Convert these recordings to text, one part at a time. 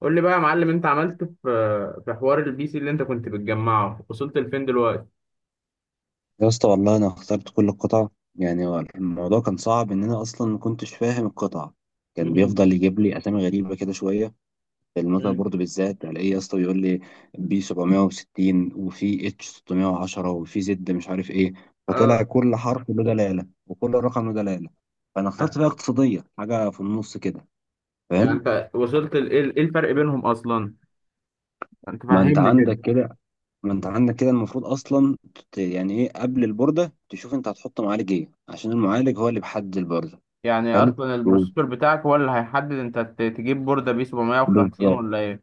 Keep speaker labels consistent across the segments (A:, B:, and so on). A: قول لي بقى يا معلم، انت عملت في حوار البي سي اللي انت كنت بتجمعه، وصلت لفين دلوقتي؟
B: يا اسطى والله انا اخترت كل القطع. يعني هو الموضوع كان صعب ان انا اصلا ما كنتش فاهم القطع، كان
A: مم.
B: بيفضل يجيب لي اسامي غريبه كده شويه. في المذر
A: مم.
B: بورد بالذات الاقيه يا اسطى بيقول لي بي 760 وفي اتش 610 وفي زد مش عارف ايه، فطلع
A: اه.
B: كل حرف له دلاله وكل رقم له دلاله. فانا اخترت بقى اقتصاديه، حاجه في النص كده،
A: يعني
B: فاهم.
A: انت وصلت إيه الفرق بينهم اصلا؟ انت
B: ما انت
A: فهمني كده.
B: عندك كده ما انت عندك كده المفروض اصلا يعني ايه قبل البورده تشوف انت هتحط معالج ايه، عشان المعالج هو اللي بيحدد البورده.
A: يعني
B: حلو،
A: اصلا
B: و-
A: البروسيسور بتاعك هو اللي هيحدد انت تجيب بوردة بي 750
B: بالظبط.
A: ولا ايه؟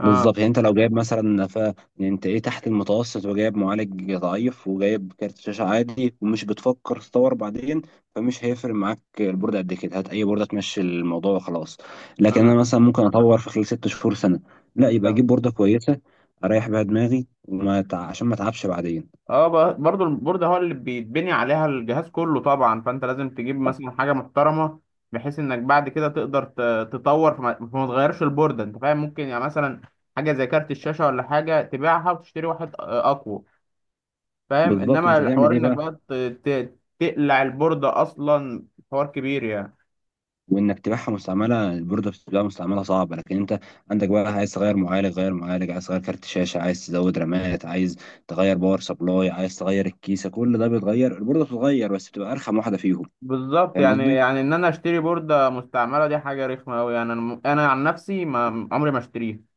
A: اه.
B: بالظبط، يعني انت لو جايب مثلا يعني انت ايه تحت المتوسط وجايب معالج ضعيف وجايب كارت شاشه عادي ومش بتفكر تطور بعدين، فمش هيفرق معاك البورد قد كده، هات اي بورده تمشي الموضوع وخلاص. لكن انا
A: اه.
B: مثلا ممكن اطور في خلال ست شهور سنه، لا يبقى اجيب بورده كويسه اريح بيها دماغي عشان ما اتعبش بعدين.
A: اه، برضو البورد هو اللي بيتبني عليها الجهاز كله طبعا، فانت لازم تجيب مثلا حاجه محترمه، بحيث انك بعد كده تقدر تطور، فما تغيرش البورده، انت فاهم، ممكن يعني مثلا حاجه زي كارت الشاشه ولا حاجه تبيعها وتشتري واحد اقوى، فاهم،
B: بالظبط،
A: انما
B: انت
A: الحوار
B: تعمل ايه
A: انك
B: بقى؟
A: بقى تقلع البورده اصلا، حوار كبير يعني.
B: وانك تبيعها مستعمله، البورده بتبقى مستعمله صعبه. لكن انت عندك بقى عايز تغير معالج، غير معالج عايز تغير كارت شاشه، عايز تزود رامات، عايز تغير باور سبلاي، عايز تغير الكيسه، كل ده بيتغير، البورده بتتغير بس بتبقى ارخم واحده فيهم،
A: بالظبط،
B: فاهم
A: يعني
B: قصدي.
A: يعني ان انا اشتري بورده مستعمله دي حاجه رخمه قوي، يعني انا عن نفسي ما عمري ما اشتريها.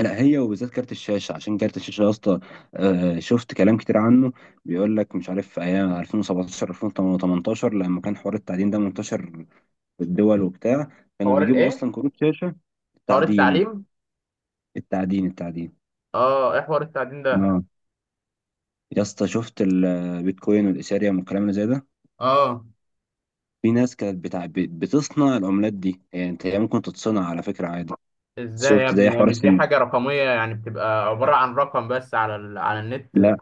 B: لا، هي وبالذات كارت الشاشه، عشان كارت الشاشه يا اسطى، شفت كلام كتير عنه. بيقول لك مش عارف في ايام 2017 2018 لما كان حوار التعدين ده منتشر في الدول وبتاع، كانوا
A: حوار
B: بيجيبوا
A: الايه؟
B: اصلا كروت شاشه
A: حوار
B: تعدين.
A: التعليم؟
B: التعدين، التعدين.
A: اه، ايه حوار التعليم ده؟
B: آه. يا اسطى شفت البيتكوين والايثيريوم والكلام اللي زي ده،
A: اه.
B: في ناس كانت بتاع بتصنع العملات دي. يعني انت هي ممكن تتصنع على فكره عادي،
A: ازاي يا
B: شفت زي
A: ابني؟ هي
B: حوار
A: مش دي
B: السن.
A: حاجة رقمية؟ يعني بتبقى عبارة عن رقم بس على النت ده.
B: لا،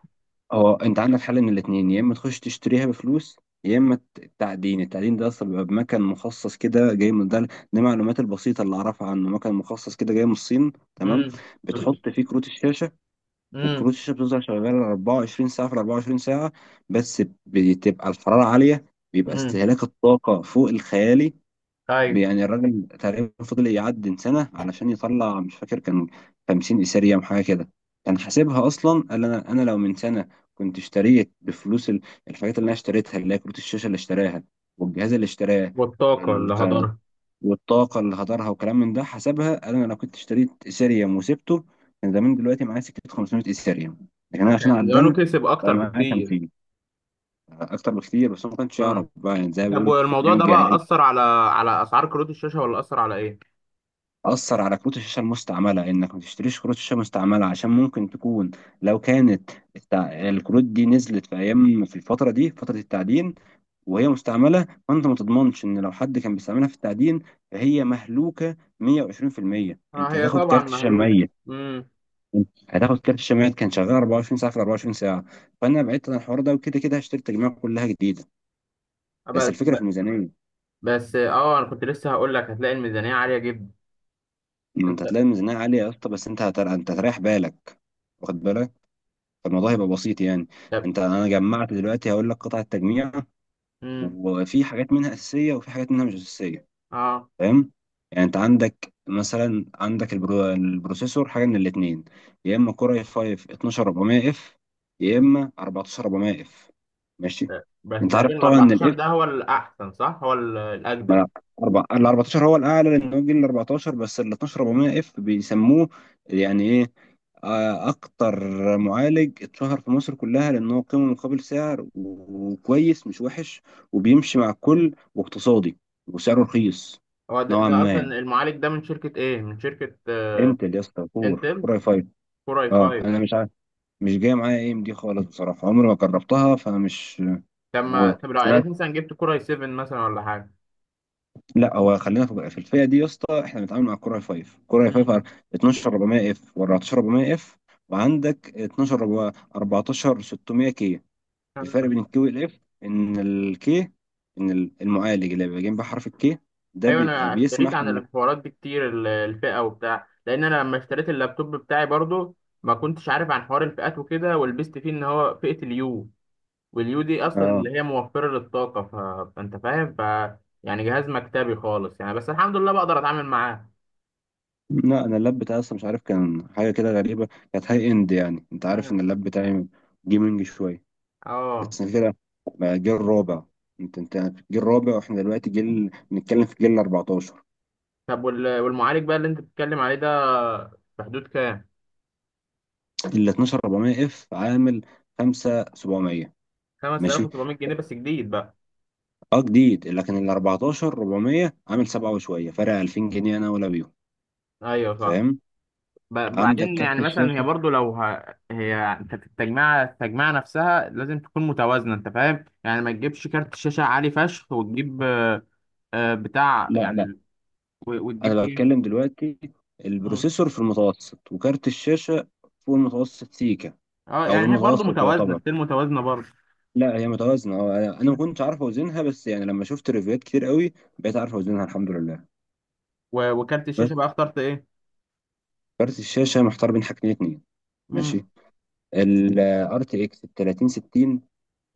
B: هو انت عندك حل من الاثنين، يا اما تخش تشتريها بفلوس، يا اما التعدين. التعدين ده اصلا بيبقى بمكان مخصص كده جاي من ده، دي المعلومات البسيطه اللي اعرفها عنه، مكان مخصص كده جاي من الصين، تمام.
A: امم.
B: بتحط فيه كروت الشاشه، وكروت
A: امم.
B: الشاشه بتفضل شغاله 24 ساعه في 24 ساعه، بس بتبقى الحراره عاليه، بيبقى
A: امم.
B: استهلاك الطاقة فوق الخيالي.
A: ايوه.
B: يعني الراجل تقريبا فضل يعدي سنة علشان يطلع مش فاكر كان 50 إيثيريوم حاجة كده، كان حاسبها أصلا، قال أنا لو من سنة كنت اشتريت بفلوس الحاجات اللي أنا اشتريتها اللي هي كروت الشاشة اللي اشتراها والجهاز اللي اشتراه
A: والطاقة اللي
B: والك-
A: هدرها.
B: والطاقة اللي هدرها وكلام من ده، حسبها قال أنا لو كنت اشتريت إيثيريوم وسبته كان زمان دلوقتي معايا سكة 500 إيثيريوم، لكن أنا عشان
A: كان زمانه
B: عدنت
A: كسب اكتر
B: فمعايا
A: بكتير.
B: 50. أكتر بكتير، بس هو ما كانش يعرف
A: اه.
B: بقى، يعني زي ما
A: طب
B: بيقولوا
A: والموضوع
B: نايم
A: ده بقى
B: الجاهل.
A: اثر على اسعار كروت الشاشة، ولا اثر على ايه؟
B: أثر على كروت الشاشة المستعملة، إنك ما تشتريش كروت شاشة مستعملة عشان ممكن تكون، لو كانت الكروت دي نزلت في أيام، في الفترة دي فترة التعدين، وهي مستعملة فأنت ما تضمنش إن لو حد كان بيستعملها في التعدين فهي مهلوكة 120%،
A: اه،
B: أنت
A: هي
B: هتاخد
A: طبعا
B: كارت شاشة
A: مهلوك.
B: ميت.
A: امم.
B: هتاخد كارت شاشة ميت كان شغال 24 ساعة في 24 ساعة. فأنا بعدت عن الحوار ده، وكده كده هشتري التجميع كلها جديدة، بس
A: بس
B: الفكرة في الميزانية.
A: بس انا كنت لسه هقول لك هتلاقي الميزانية عالية جدا.
B: ما أنت
A: انت.
B: هتلاقي الميزانية عالية يا اسطى، بس أنت أنت هتريح بالك، واخد بالك، فالموضوع هيبقى بسيط يعني.
A: طب.
B: انت انا جمعت دلوقتي هقول لك قطع التجميع،
A: امم.
B: وفي حاجات منها اساسيه وفي حاجات منها مش اساسيه،
A: اه.
B: فاهم. يعني انت عندك مثلا، عندك البروسيسور حاجه من الاثنين، يا اما كور اي 5 12400 اف، يا اما 14400 اف، ماشي.
A: بس
B: انت عارف
A: تقريبا ال
B: طبعا ان
A: 14
B: الاف،
A: ده هو الاحسن، صح؟ هو ال-
B: ما
A: الاجدد
B: أنا أربع، ال 14 هو الأعلى لأن هو الجيل ال 14، بس ال 12 400 اف بيسموه يعني إيه، أكتر معالج اتشهر في مصر كلها لأن هو قيمة مقابل سعر وكويس مش وحش وبيمشي مع الكل واقتصادي وسعره رخيص،
A: هو ده،
B: نوعا
A: اصلا
B: ما.
A: المعالج ده من شركه ايه، من شركه
B: انتل يا اسطى، كور،
A: انتل.
B: اي 5.
A: كور اي
B: اه
A: 5.
B: انا مش عارف مش جايه معايا اي ام دي خالص، بصراحه عمري ما جربتها فانا مش،
A: طب ما طب لو قالت
B: وسمعت،
A: مثلا جبت كور اي 7 مثلا ولا حاجه.
B: لا هو خلينا في الفئه دي يا اسطى، احنا بنتعامل مع الكوره هاي فايف، الكوره هاي
A: مم.
B: فايف على 12 400 اف و14 400 اف، وعندك 14 600 كي. الفرق
A: آه.
B: بين الكي والاف ان الكي، ان المعالج اللي بيبقى جنب حرف الكي ده
A: ايوه.
B: بيبقى
A: انا قريت
B: بيسمح
A: عن
B: انك،
A: الحوارات دي كتير، الفئه وبتاع، لان انا لما اشتريت اللابتوب بتاعي برضو ما كنتش عارف عن حوار الفئات وكده، ولبست فيه ان هو فئه اليو. واليو دي اصلا
B: اه.
A: اللي هي موفره للطاقه، فانت فاهم، يعني جهاز مكتبي خالص يعني، بس الحمد لله بقدر اتعامل معاه.
B: لا، انا اللاب بتاعي اصلا مش عارف كان حاجه كده غريبه، كانت هاي اند، يعني انت عارف
A: مم.
B: ان اللاب بتاعي جيمنج شويه،
A: اه.
B: بس أنا كده بقى جيل رابع. انت جيل رابع، واحنا دلوقتي جيل، بنتكلم في جيل 14.
A: طب والمعالج بقى اللي انت بتتكلم عليه ده في حدود كام؟
B: ال 12400 اف عامل 5700،
A: 5700
B: ماشي.
A: جنيه بس، جديد بقى؟
B: اه جديد، لكن ال 14400 عامل 7 وشويه، فرق 2000 جنيه انا ولا بيهم،
A: ايوه صح.
B: فاهم.
A: ب-
B: عندك
A: بعدين
B: كارت
A: يعني مثلا هي
B: الشاشه،
A: برضو لو هي، انت في التجميعه نفسها لازم تكون متوازنه، انت فاهم، يعني ما تجيبش كارت شاشه عالي فشخ وتجيب بتاع
B: لا
A: يعني
B: لا،
A: وتجيب
B: انا
A: ايه.
B: بتكلم دلوقتي،
A: مم.
B: البروسيسور في المتوسط وكارت الشاشه فوق المتوسط سيكا،
A: اه
B: او
A: يعني هي برضو
B: المتوسط
A: متوازنه،
B: يعتبر.
A: ستيل متوازنه برضو.
B: لا هي متوازنه اه، أنا ما
A: مم.
B: كنتش عارف اوزنها، بس يعني لما شفت ريفيوات كتير قوي بقيت عارف اوزنها، الحمد لله.
A: وكارت الشاشه
B: بس
A: بقى اخترت ايه؟
B: كارت الشاشه محتار بين حاجتين اتنين،
A: امم.
B: ماشي. ال RTX ال 3060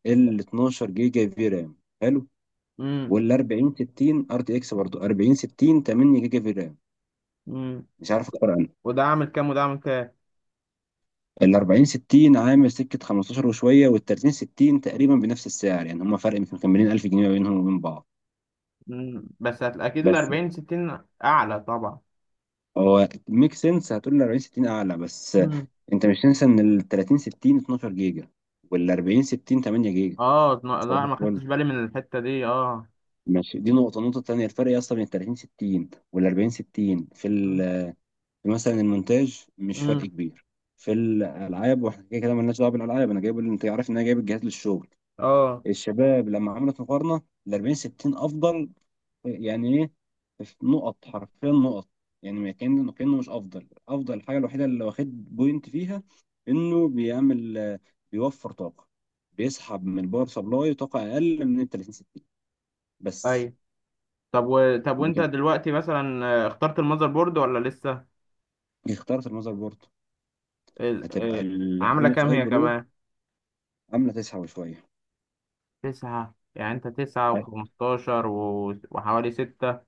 B: ال 12 جيجا في رام، حلو.
A: امم.
B: وال 40 60 ار تي اكس، برضه 40 60، 8 جيجا في رام،
A: امم.
B: مش عارف اكتر عنه.
A: وده عامل كام وده عامل كام؟
B: ال 40 60 عامل سكه 15 وشويه، وال 30 60 تقريبا بنفس السعر، يعني هما فرق يمكن كان مليون، 1000 جنيه ما بينهم وبين بعض.
A: مم. اكيد ال
B: بس
A: 40 60 اعلى طبعا.
B: هو ميك سنس، هتقول ال 40 60 اعلى، بس
A: امم.
B: انت مش تنسى ان ال 30 60 12 جيجا وال 40 60 8 جيجا.
A: اه،
B: صباح
A: لا، ما
B: الفل،
A: خدتش بالي من الحتة دي. اه.
B: ماشي. دي نقطة، النقطة التانية الفرق يا اسطى بين ال 30 60 وال 40 60 في ال، مثلا المونتاج، مش فرق
A: امم.
B: كبير. في الالعاب، واحنا كده كده مالناش دعوه بالالعاب، انا جايب، اللي انت عارف ان انا جايب الجهاز للشغل،
A: اه.
B: الشباب لما عملت مقارنه ال 40 60 افضل، يعني ايه، في نقط، حرفيا نقط، يعني ما كان، كانه مش افضل افضل. الحاجه الوحيده اللي واخد بوينت فيها انه بيعمل بيوفر طاقه، بيسحب من الباور سبلاي طاقه اقل من ال 30 60، بس.
A: اي. طب طب وانت
B: لكن
A: دلوقتي مثلا اخترت المذر بورد ولا لسه؟
B: اخترت المذر بورد،
A: ال...
B: هتبقى
A: آه، عاملة
B: الام اس
A: كام
B: اي
A: هي
B: برو،
A: كمان؟
B: عامله تسحب شويه.
A: تسعة يعني، انت تسعة وخمستاشر وحوالي ستة.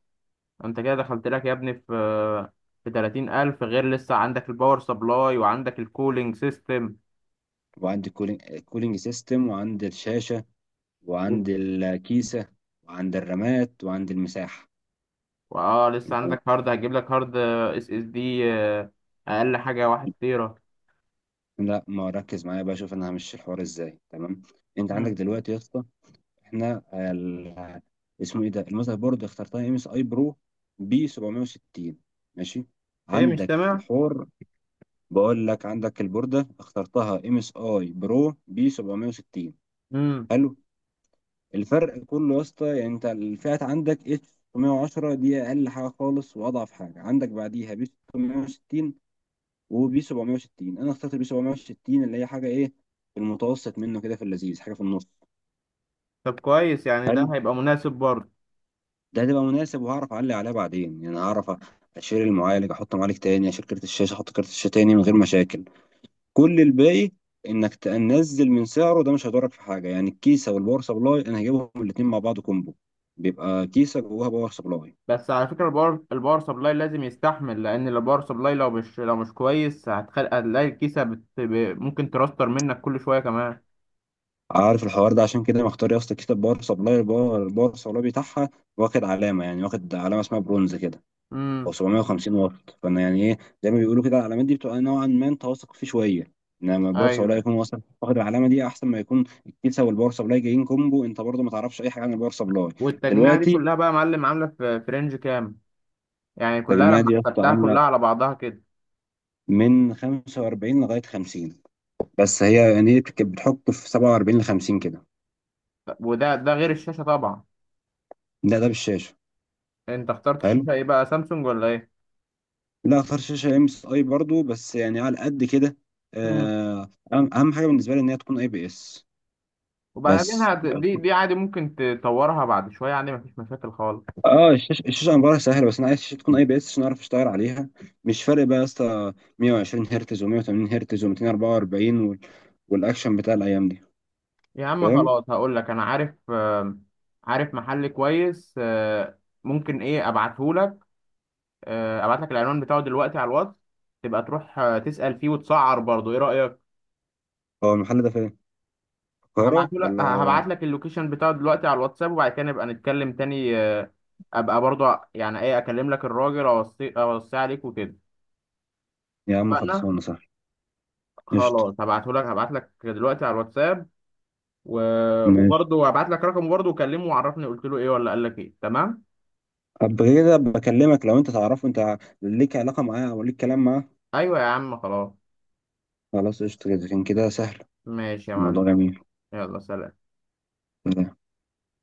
A: انت كده دخلت لك يا ابني في تلاتين ألف، غير لسه عندك الباور سبلاي وعندك الكولينج سيستم.
B: وعندي كولينج سيستم، وعندي الشاشة، وعندي الكيسة، وعندي الرامات، وعندي المساحة،
A: واه لسه
B: تمام.
A: عندك هارد، هجيب لك هارد اس اس دي، اقل حاجه واحد تيرا.
B: لا ما ركز معايا بقى، شوف انا همشي الحوار ازاي، تمام. انت عندك
A: مم.
B: دلوقتي يا اسطى احنا اسمه ايه ده، المذر بورد اخترتها ام اس اي برو بي 760، ماشي.
A: ايه، مش
B: عندك في
A: سامع.
B: الحوار، بقول لك عندك البوردة اخترتها ام اس اي برو بي 760،
A: امم.
B: حلو. الفرق كله يا اسطى، يعني انت الفئات عندك اتش 610 دي اقل حاجه خالص واضعف حاجه، عندك بعديها بي 660، وبي 760. انا اخترت البي 760 اللي هي حاجه ايه، في المتوسط منه كده، في اللذيذ، حاجه في النص،
A: طب كويس، يعني ده
B: حلو.
A: هيبقى مناسب برضه.
B: ده هتبقى مناسب، وهعرف اعلي عليها بعدين، يعني هعرف اشيل المعالج احط معالج تاني، اشيل كارت الشاشه احط كارت الشاشه تاني من غير مشاكل. كل الباقي، انك تنزل من سعره ده مش هيضرك في حاجه، يعني الكيسه والباور سبلاي انا هجيبهم الاتنين مع بعض كومبو، بيبقى كيسه جواها باور سبلاي.
A: بس على فكره، الباور سبلاي لازم يستحمل، لان الباور سبلاي لو مش كويس هتلاقي الكيسه ممكن ترستر منك كل شويه كمان.
B: عارف الحوار ده، عشان كده مختار يا اسطى كتاب باور سبلاي، الباور سبلاي بتاعها واخد علامه، يعني واخد علامه اسمها برونز كده، او
A: امم.
B: 750 واط، فانا يعني ايه، زي ما بيقولوا كده، العلامات دي بتبقى نوعا ما انت واثق فيه شويه، انما الباور سبلاي
A: ايوه.
B: يكون واثق واخد العلامه دي احسن ما يكون الكيسه والباور سبلاي جايين كومبو، انت برضه ما تعرفش اي حاجه عن الباور سبلاي.
A: والتجميعه دي
B: دلوقتي
A: كلها بقى يا معلم عامله في رينج كام؟ يعني كلها
B: التجميعه
A: لما
B: دي يا اسطى
A: حسبتها
B: عامله
A: كلها على بعضها كده.
B: من 45 لغايه 50، بس هي يعني إيه، بتحط في 47 ل 50 كده.
A: طب وده غير الشاشه طبعا.
B: ده ده بالشاشه.
A: انت اخترت الشاشه ايه بقى، سامسونج ولا ايه؟
B: لا، فرش شاشة ام اس اي برضه بس يعني على قد كده، أهم حاجة بالنسبة لي ان هي تكون اي بي اس.
A: وبعدين
B: بس
A: دي عادي ممكن تطورها بعد شوية، عادي مفيش مشاكل خالص.
B: اه، الشاشة امبارح سهلة، بس انا عايز الشاشة تكون اي بي اس عشان اعرف اشتغل عليها، مش فارق بقى يا اسطى 120 هرتز و180 هرتز و244 والاكشن بتاع الايام دي،
A: يا عم
B: فاهم.
A: خلاص، هقول لك أنا عارف عارف محل كويس ممكن إيه أبعته لك. أبعت لك العنوان بتاعه دلوقتي على الواتس، تبقى تروح تسأل فيه وتسعر برضه، إيه رأيك؟
B: هو المحل ده فين، القاهرة
A: هبعته لك
B: ولا؟
A: هبعت لك اللوكيشن بتاعه دلوقتي على الواتساب، وبعد كده نبقى نتكلم تاني. أبقى برضه يعني إيه أكلم لك الراجل، أوصي أوصي عليك وكده.
B: يا عم
A: اتفقنا؟
B: خلصانة صح، قشطة،
A: خلاص، هبعت لك دلوقتي على الواتساب. و-
B: ماشي.
A: وبرضه هبعت لك رقمه برضه، وكلمه وعرفني قلت له ايه ولا قال لك ايه، تمام؟
B: طب كده بكلمك لو انت تعرفه، انت ليك علاقة معاه او ليك كلام معاه.
A: ايوه يا عم خلاص.
B: خلاص قشطة، كده كان كده سهل،
A: ماشي يا معلم.
B: الموضوع جميل.
A: يلا سلام.